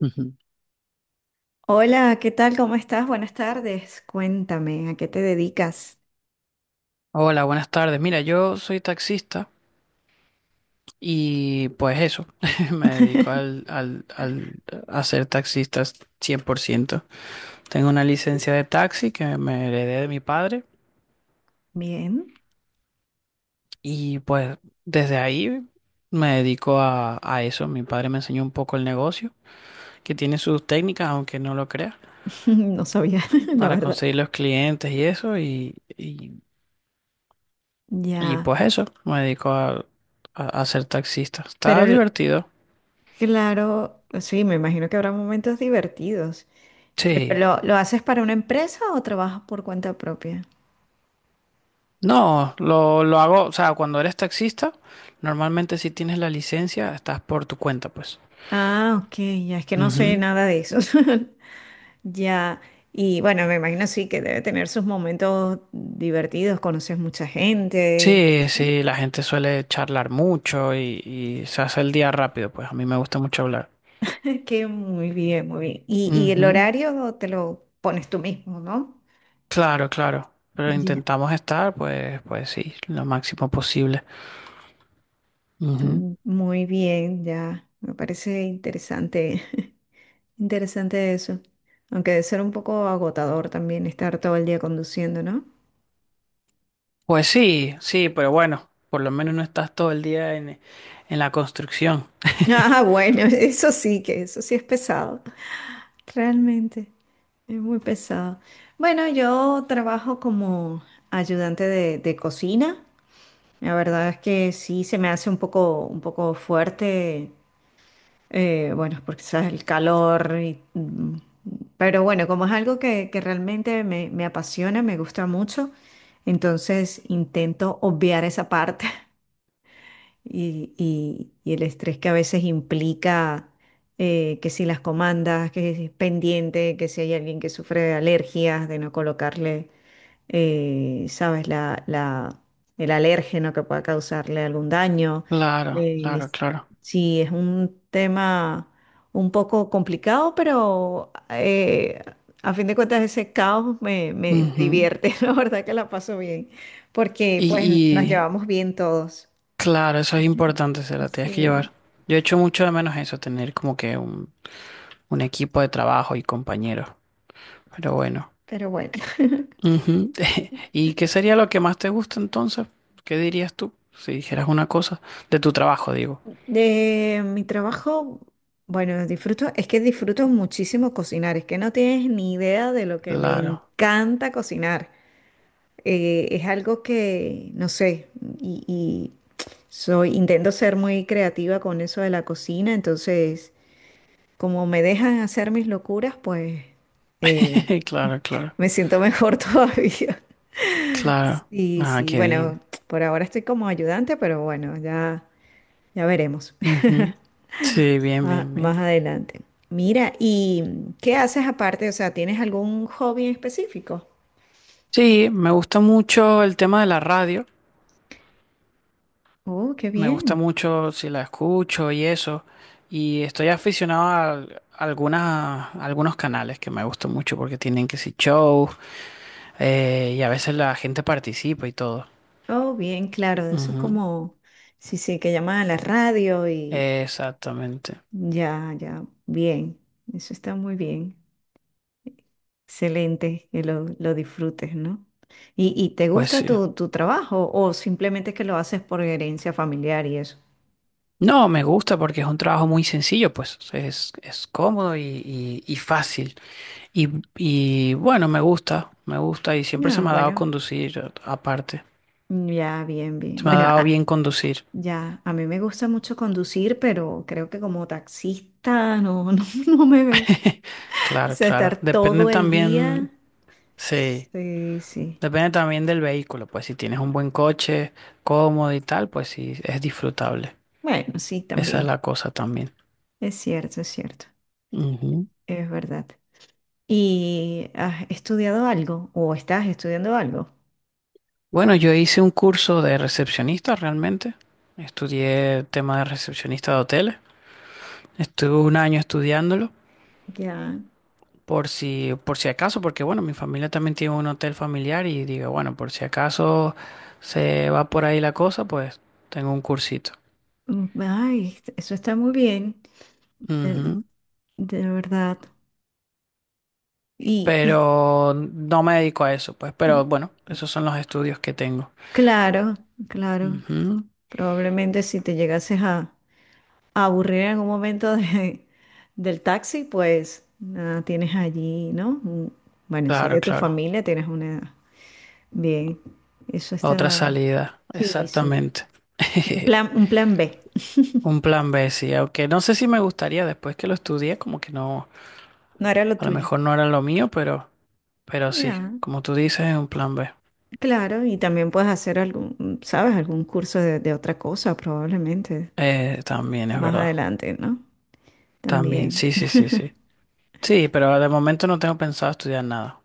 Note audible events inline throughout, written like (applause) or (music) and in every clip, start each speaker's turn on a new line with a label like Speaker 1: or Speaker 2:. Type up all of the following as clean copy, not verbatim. Speaker 1: Ujú.
Speaker 2: Hola, ¿qué tal? ¿Cómo estás? Buenas tardes. Cuéntame, ¿a qué te dedicas?
Speaker 1: Hola, buenas tardes. Mira, yo soy taxista y pues eso, (laughs) me dedico
Speaker 2: (laughs)
Speaker 1: a ser taxista 100%. Tengo una licencia de taxi que me heredé de mi padre
Speaker 2: Bien,
Speaker 1: y pues desde ahí me dedico a eso. Mi padre me enseñó un poco el negocio, que tiene sus técnicas, aunque no lo creas,
Speaker 2: (laughs) no sabía, (laughs) la
Speaker 1: para
Speaker 2: verdad.
Speaker 1: conseguir los clientes y eso y
Speaker 2: Ya,
Speaker 1: pues eso, me dedico a ser taxista.
Speaker 2: pero
Speaker 1: Está
Speaker 2: el-
Speaker 1: divertido.
Speaker 2: claro, sí, me imagino que habrá momentos divertidos.
Speaker 1: Sí.
Speaker 2: ¿Pero lo haces para una empresa o trabajas por cuenta propia?
Speaker 1: No, lo hago, o sea, cuando eres taxista, normalmente si tienes la licencia, estás por tu cuenta, pues.
Speaker 2: Ah, ok, ya es que no sé
Speaker 1: Ujú.
Speaker 2: nada de eso. (laughs) Ya, y bueno, me imagino sí que debe tener sus momentos divertidos, conoces mucha gente.
Speaker 1: Sí, sí, la gente suele charlar mucho y se hace el día rápido, pues a mí me gusta mucho hablar.
Speaker 2: Qué muy bien, muy bien. Y el
Speaker 1: Ujú.
Speaker 2: horario te lo pones tú mismo, ¿no?
Speaker 1: Claro, claro, pero
Speaker 2: Ya.
Speaker 1: intentamos estar, pues, pues sí, lo máximo posible. Ujú.
Speaker 2: Muy bien, ya. Me parece interesante, (laughs) interesante eso. Aunque debe ser un poco agotador también estar todo el día conduciendo, ¿no?
Speaker 1: Pues sí, sí, pero bueno, por lo menos no estás todo el día en la construcción.
Speaker 2: Ah, bueno, (laughs) eso sí que, eso sí es pesado. Realmente, es muy pesado. Bueno, yo trabajo como ayudante de cocina. La verdad es que sí se me hace un poco fuerte. Bueno, porque sabes el calor y, pero bueno, como es algo que realmente me apasiona, me gusta mucho, entonces intento obviar esa parte (laughs) y el estrés que a veces implica que si las comandas, que si es pendiente, que si hay alguien que sufre de alergias, de no colocarle sabes, el alérgeno que pueda causarle algún daño.
Speaker 1: Claro,
Speaker 2: Eh,
Speaker 1: claro,
Speaker 2: es-
Speaker 1: claro.
Speaker 2: sí, es un tema un poco complicado, pero a fin de cuentas ese caos me
Speaker 1: Ujú.
Speaker 2: divierte, (laughs) la verdad que la paso bien, porque pues nos
Speaker 1: Y,
Speaker 2: llevamos bien todos.
Speaker 1: Claro, eso es importante, se la tienes que llevar.
Speaker 2: Sí,
Speaker 1: Yo echo mucho de menos eso, tener como que un equipo de trabajo y compañeros. Pero bueno.
Speaker 2: pero bueno. (laughs)
Speaker 1: Ujú. (laughs) ¿Y qué sería lo que más te gusta entonces? ¿Qué dirías tú? Si dijeras una cosa de tu trabajo, digo.
Speaker 2: De mi trabajo, bueno, disfruto, es que disfruto muchísimo cocinar, es que no tienes ni idea de lo que me
Speaker 1: Claro,
Speaker 2: encanta cocinar. Es algo que, no sé, y soy, intento ser muy creativa con eso de la cocina, entonces, como me dejan hacer mis locuras, pues eh,
Speaker 1: (laughs) claro, claro,
Speaker 2: me siento mejor (laughs) todavía.
Speaker 1: claro.
Speaker 2: Sí,
Speaker 1: Ah,
Speaker 2: sí,
Speaker 1: qué
Speaker 2: bueno,
Speaker 1: bien.
Speaker 2: por ahora estoy como ayudante, pero bueno, ya veremos. (laughs)
Speaker 1: Ujú. Sí, bien,
Speaker 2: Ah,
Speaker 1: bien, bien.
Speaker 2: más adelante. Mira, ¿y qué haces aparte? O sea, ¿tienes algún hobby en específico?
Speaker 1: Sí, me gusta mucho el tema de la radio.
Speaker 2: Oh, qué
Speaker 1: Me gusta
Speaker 2: bien.
Speaker 1: mucho si la escucho y eso. Y estoy aficionado a algunas, a algunos canales que me gustan mucho porque tienen que si show y a veces la gente participa y todo.
Speaker 2: Oh, bien, claro. Eso es
Speaker 1: Ujú.
Speaker 2: como, sí, sí, que llaman a la radio y
Speaker 1: Exactamente.
Speaker 2: ya, ya, bien. Eso está muy bien. Excelente, que lo disfrutes, ¿no? ¿Y te
Speaker 1: Pues
Speaker 2: gusta
Speaker 1: sí.
Speaker 2: tu trabajo o simplemente es que lo haces por herencia familiar y eso?
Speaker 1: No, me gusta porque es un trabajo muy sencillo, pues es cómodo y fácil. Y, y bueno, me gusta y siempre se
Speaker 2: No,
Speaker 1: me ha dado
Speaker 2: bueno,
Speaker 1: conducir aparte.
Speaker 2: ya, bien, bien.
Speaker 1: Se me ha
Speaker 2: Bueno,
Speaker 1: dado bien conducir.
Speaker 2: ya, a mí me gusta mucho conducir, pero creo que como taxista no, (laughs) no, no me veo.
Speaker 1: (laughs)
Speaker 2: O
Speaker 1: Claro,
Speaker 2: sea, estar
Speaker 1: claro. Depende
Speaker 2: todo el día.
Speaker 1: también, sí,
Speaker 2: Sí, sí.
Speaker 1: depende también del vehículo. Pues si tienes un buen coche, cómodo y tal, pues sí, es disfrutable.
Speaker 2: Bueno, sí,
Speaker 1: Esa es
Speaker 2: también.
Speaker 1: la cosa también.
Speaker 2: Es cierto, es cierto.
Speaker 1: Ujú.
Speaker 2: Es verdad. ¿Y has estudiado algo o estás estudiando algo?
Speaker 1: Bueno, yo hice un curso de recepcionista realmente. Estudié tema de recepcionista de hoteles. Estuve un año estudiándolo
Speaker 2: Ya.
Speaker 1: por si acaso, porque bueno, mi familia también tiene un hotel familiar y digo, bueno, por si acaso se va por ahí la cosa, pues tengo un cursito.
Speaker 2: Ay, eso está muy bien. De,
Speaker 1: Ujú,
Speaker 2: de verdad. Y
Speaker 1: pero no me dedico a eso, pues, pero
Speaker 2: mm,
Speaker 1: bueno, esos son los estudios que tengo.
Speaker 2: claro, claro.
Speaker 1: Ujú,
Speaker 2: Probablemente si te llegases a aburrir en algún momento del taxi, pues nada, tienes allí, ¿no? Bueno, si es
Speaker 1: claro,
Speaker 2: de tu
Speaker 1: claro.
Speaker 2: familia, tienes una. Bien, eso
Speaker 1: Otra
Speaker 2: está.
Speaker 1: salida,
Speaker 2: Sí, sí.
Speaker 1: exactamente.
Speaker 2: Un plan,
Speaker 1: (laughs)
Speaker 2: un plan B.
Speaker 1: Un plan B, sí, aunque no sé si me gustaría después que lo estudié, como que no,
Speaker 2: No era lo
Speaker 1: a lo
Speaker 2: tuyo.
Speaker 1: mejor no era lo mío, pero sí,
Speaker 2: Ya,
Speaker 1: como tú dices, es un plan B.
Speaker 2: claro, y también puedes hacer algún, ¿sabes? Algún curso de otra cosa, probablemente,
Speaker 1: También es
Speaker 2: más
Speaker 1: verdad.
Speaker 2: adelante, ¿no?
Speaker 1: También,
Speaker 2: También.
Speaker 1: sí, sí, sí, sí. Sí, pero de momento no tengo pensado estudiar nada.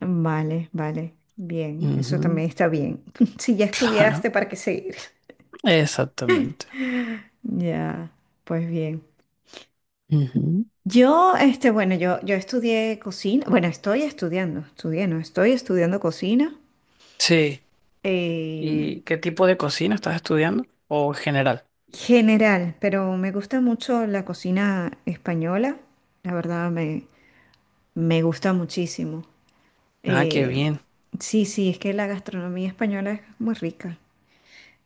Speaker 2: Vale, vale. Bien, eso
Speaker 1: Ujú,
Speaker 2: también está bien. (laughs) Si ya
Speaker 1: (laughs) claro,
Speaker 2: estudiaste, ¿para qué seguir?
Speaker 1: exactamente.
Speaker 2: (laughs) Ya, pues bien.
Speaker 1: Ujú.
Speaker 2: Yo, este, bueno, yo estudié cocina, bueno, estoy estudiando, estudié, no, estoy estudiando cocina
Speaker 1: Sí.
Speaker 2: eh,
Speaker 1: ¿Y qué tipo de cocina estás estudiando? ¿O en general?
Speaker 2: general, pero me gusta mucho la cocina española, la verdad me gusta muchísimo.
Speaker 1: Ah, qué
Speaker 2: Eh,
Speaker 1: bien.
Speaker 2: sí, sí, es que la gastronomía española es muy rica.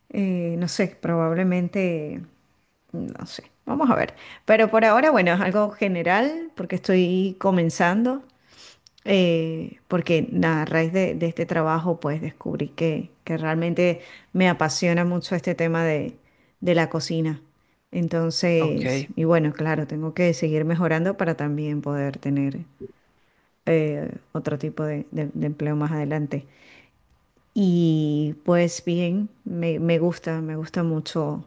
Speaker 2: No sé, probablemente, no sé, vamos a ver, pero por ahora, bueno, es algo general porque estoy comenzando. Porque a raíz de este trabajo pues descubrí que realmente me apasiona mucho este tema de la cocina. Entonces,
Speaker 1: Ok.
Speaker 2: y bueno, claro, tengo que seguir mejorando para también poder tener otro tipo de empleo más adelante. Y pues bien, me gusta mucho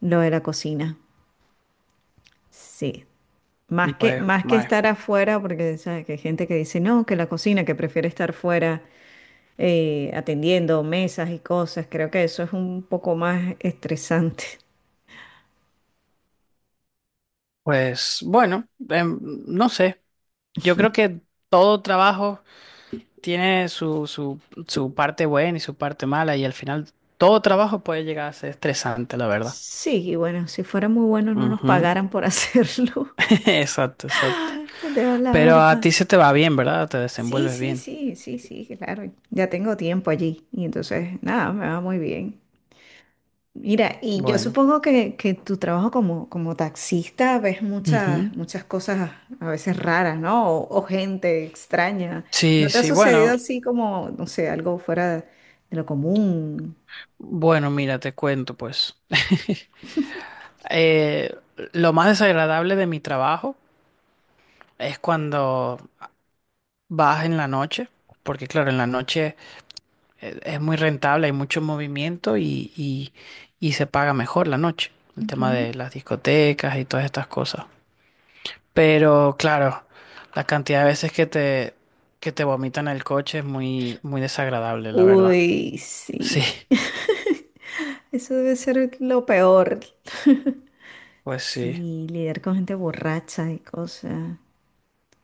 Speaker 2: lo de la cocina. Sí. Más que,
Speaker 1: Pues,
Speaker 2: más que
Speaker 1: mae,
Speaker 2: estar afuera, porque sabes que hay gente que dice, no, que la cocina, que prefiere estar fuera atendiendo mesas y cosas, creo que eso es un poco más estresante.
Speaker 1: pues bueno, no sé. Yo creo que todo trabajo tiene su parte buena y su parte mala y al final todo trabajo puede llegar a ser estresante, la verdad.
Speaker 2: Sí, y bueno, si fuera muy bueno no nos
Speaker 1: Ujú.
Speaker 2: pagaran por hacerlo,
Speaker 1: (laughs) Exacto, exacto.
Speaker 2: (laughs) de la
Speaker 1: Pero a
Speaker 2: verdad.
Speaker 1: ti se te va bien, ¿verdad? Te
Speaker 2: Sí,
Speaker 1: desenvuelves
Speaker 2: sí,
Speaker 1: bien.
Speaker 2: sí, sí, sí, claro. Ya tengo tiempo allí y entonces, nada, me va muy bien. Mira, y yo
Speaker 1: Bueno.
Speaker 2: supongo que tu trabajo como taxista ves muchas,
Speaker 1: Ujú.
Speaker 2: muchas cosas a veces raras, ¿no? O gente extraña.
Speaker 1: Sí,
Speaker 2: ¿No te ha
Speaker 1: sí, bueno.
Speaker 2: sucedido así como, no sé, algo fuera de lo común?
Speaker 1: Bueno, mira, te cuento pues. (laughs) Eh, lo más desagradable de mi trabajo es cuando vas en la noche, porque claro, en la noche es muy rentable, hay mucho movimiento y se paga mejor la noche, el tema
Speaker 2: Ujú.
Speaker 1: de las discotecas y todas estas cosas. Pero claro, la cantidad de veces que te vomitan el coche es muy, muy desagradable, la verdad.
Speaker 2: Uy,
Speaker 1: Sí,
Speaker 2: sí. (laughs) Eso debe ser lo peor. (laughs)
Speaker 1: pues sí,
Speaker 2: Sí, lidiar con gente borracha y cosas.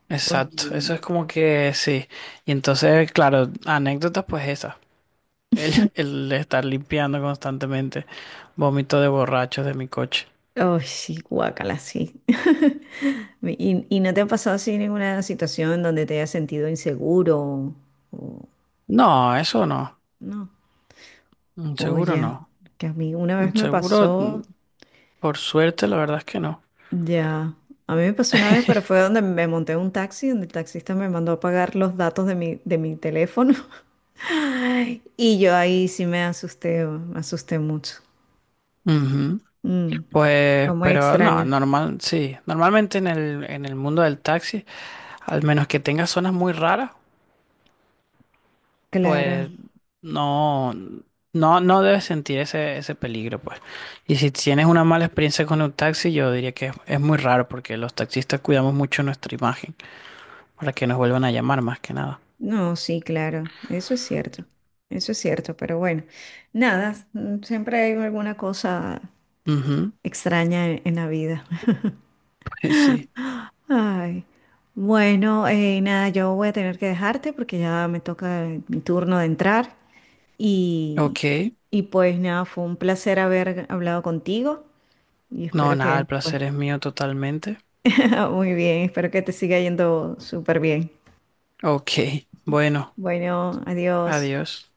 Speaker 1: exacto,
Speaker 2: Oye.
Speaker 1: eso es como que sí. Y entonces, claro, anécdotas pues esas. El, (laughs) el estar limpiando constantemente vómito de borrachos de mi coche.
Speaker 2: Oh, sí, guácala, sí. (laughs) ¿Y no te ha pasado así ninguna situación donde te hayas sentido inseguro? O,
Speaker 1: No, eso no.
Speaker 2: no. O
Speaker 1: Seguro
Speaker 2: ya,
Speaker 1: no.
Speaker 2: que a mí una
Speaker 1: Mm,
Speaker 2: vez me
Speaker 1: Seguro,
Speaker 2: pasó,
Speaker 1: por suerte, la verdad es que no.
Speaker 2: ya. A mí me pasó una vez, pero fue
Speaker 1: (laughs)
Speaker 2: donde me monté en un taxi, donde el taxista me mandó a pagar los datos de mi teléfono. (laughs) Y yo ahí sí me asusté mucho.
Speaker 1: Ujú.
Speaker 2: Mm, fue
Speaker 1: Pues,
Speaker 2: muy
Speaker 1: pero no,
Speaker 2: extraño.
Speaker 1: normal, sí. Normalmente en el mundo del taxi, al menos que tengas zonas muy raras, pues
Speaker 2: Claro.
Speaker 1: no, no, no debes sentir ese, ese peligro, pues. Y si tienes una mala experiencia con un taxi, yo diría que es muy raro porque los taxistas cuidamos mucho nuestra imagen para que nos vuelvan a llamar más que nada.
Speaker 2: No, sí, claro, eso es cierto, pero bueno, nada, siempre hay alguna cosa
Speaker 1: Ujú,
Speaker 2: extraña en la vida. (laughs)
Speaker 1: (laughs) pues sí.
Speaker 2: Ay, bueno, nada, yo voy a tener que dejarte porque ya me toca mi turno de entrar y,
Speaker 1: Ok.
Speaker 2: y pues nada, fue un placer haber hablado contigo y
Speaker 1: No,
Speaker 2: espero
Speaker 1: nada,
Speaker 2: que,
Speaker 1: el
Speaker 2: pues,
Speaker 1: placer es mío totalmente.
Speaker 2: (laughs) muy bien, espero que te siga yendo súper bien.
Speaker 1: Ok. Bueno,
Speaker 2: Bueno, adiós.
Speaker 1: adiós.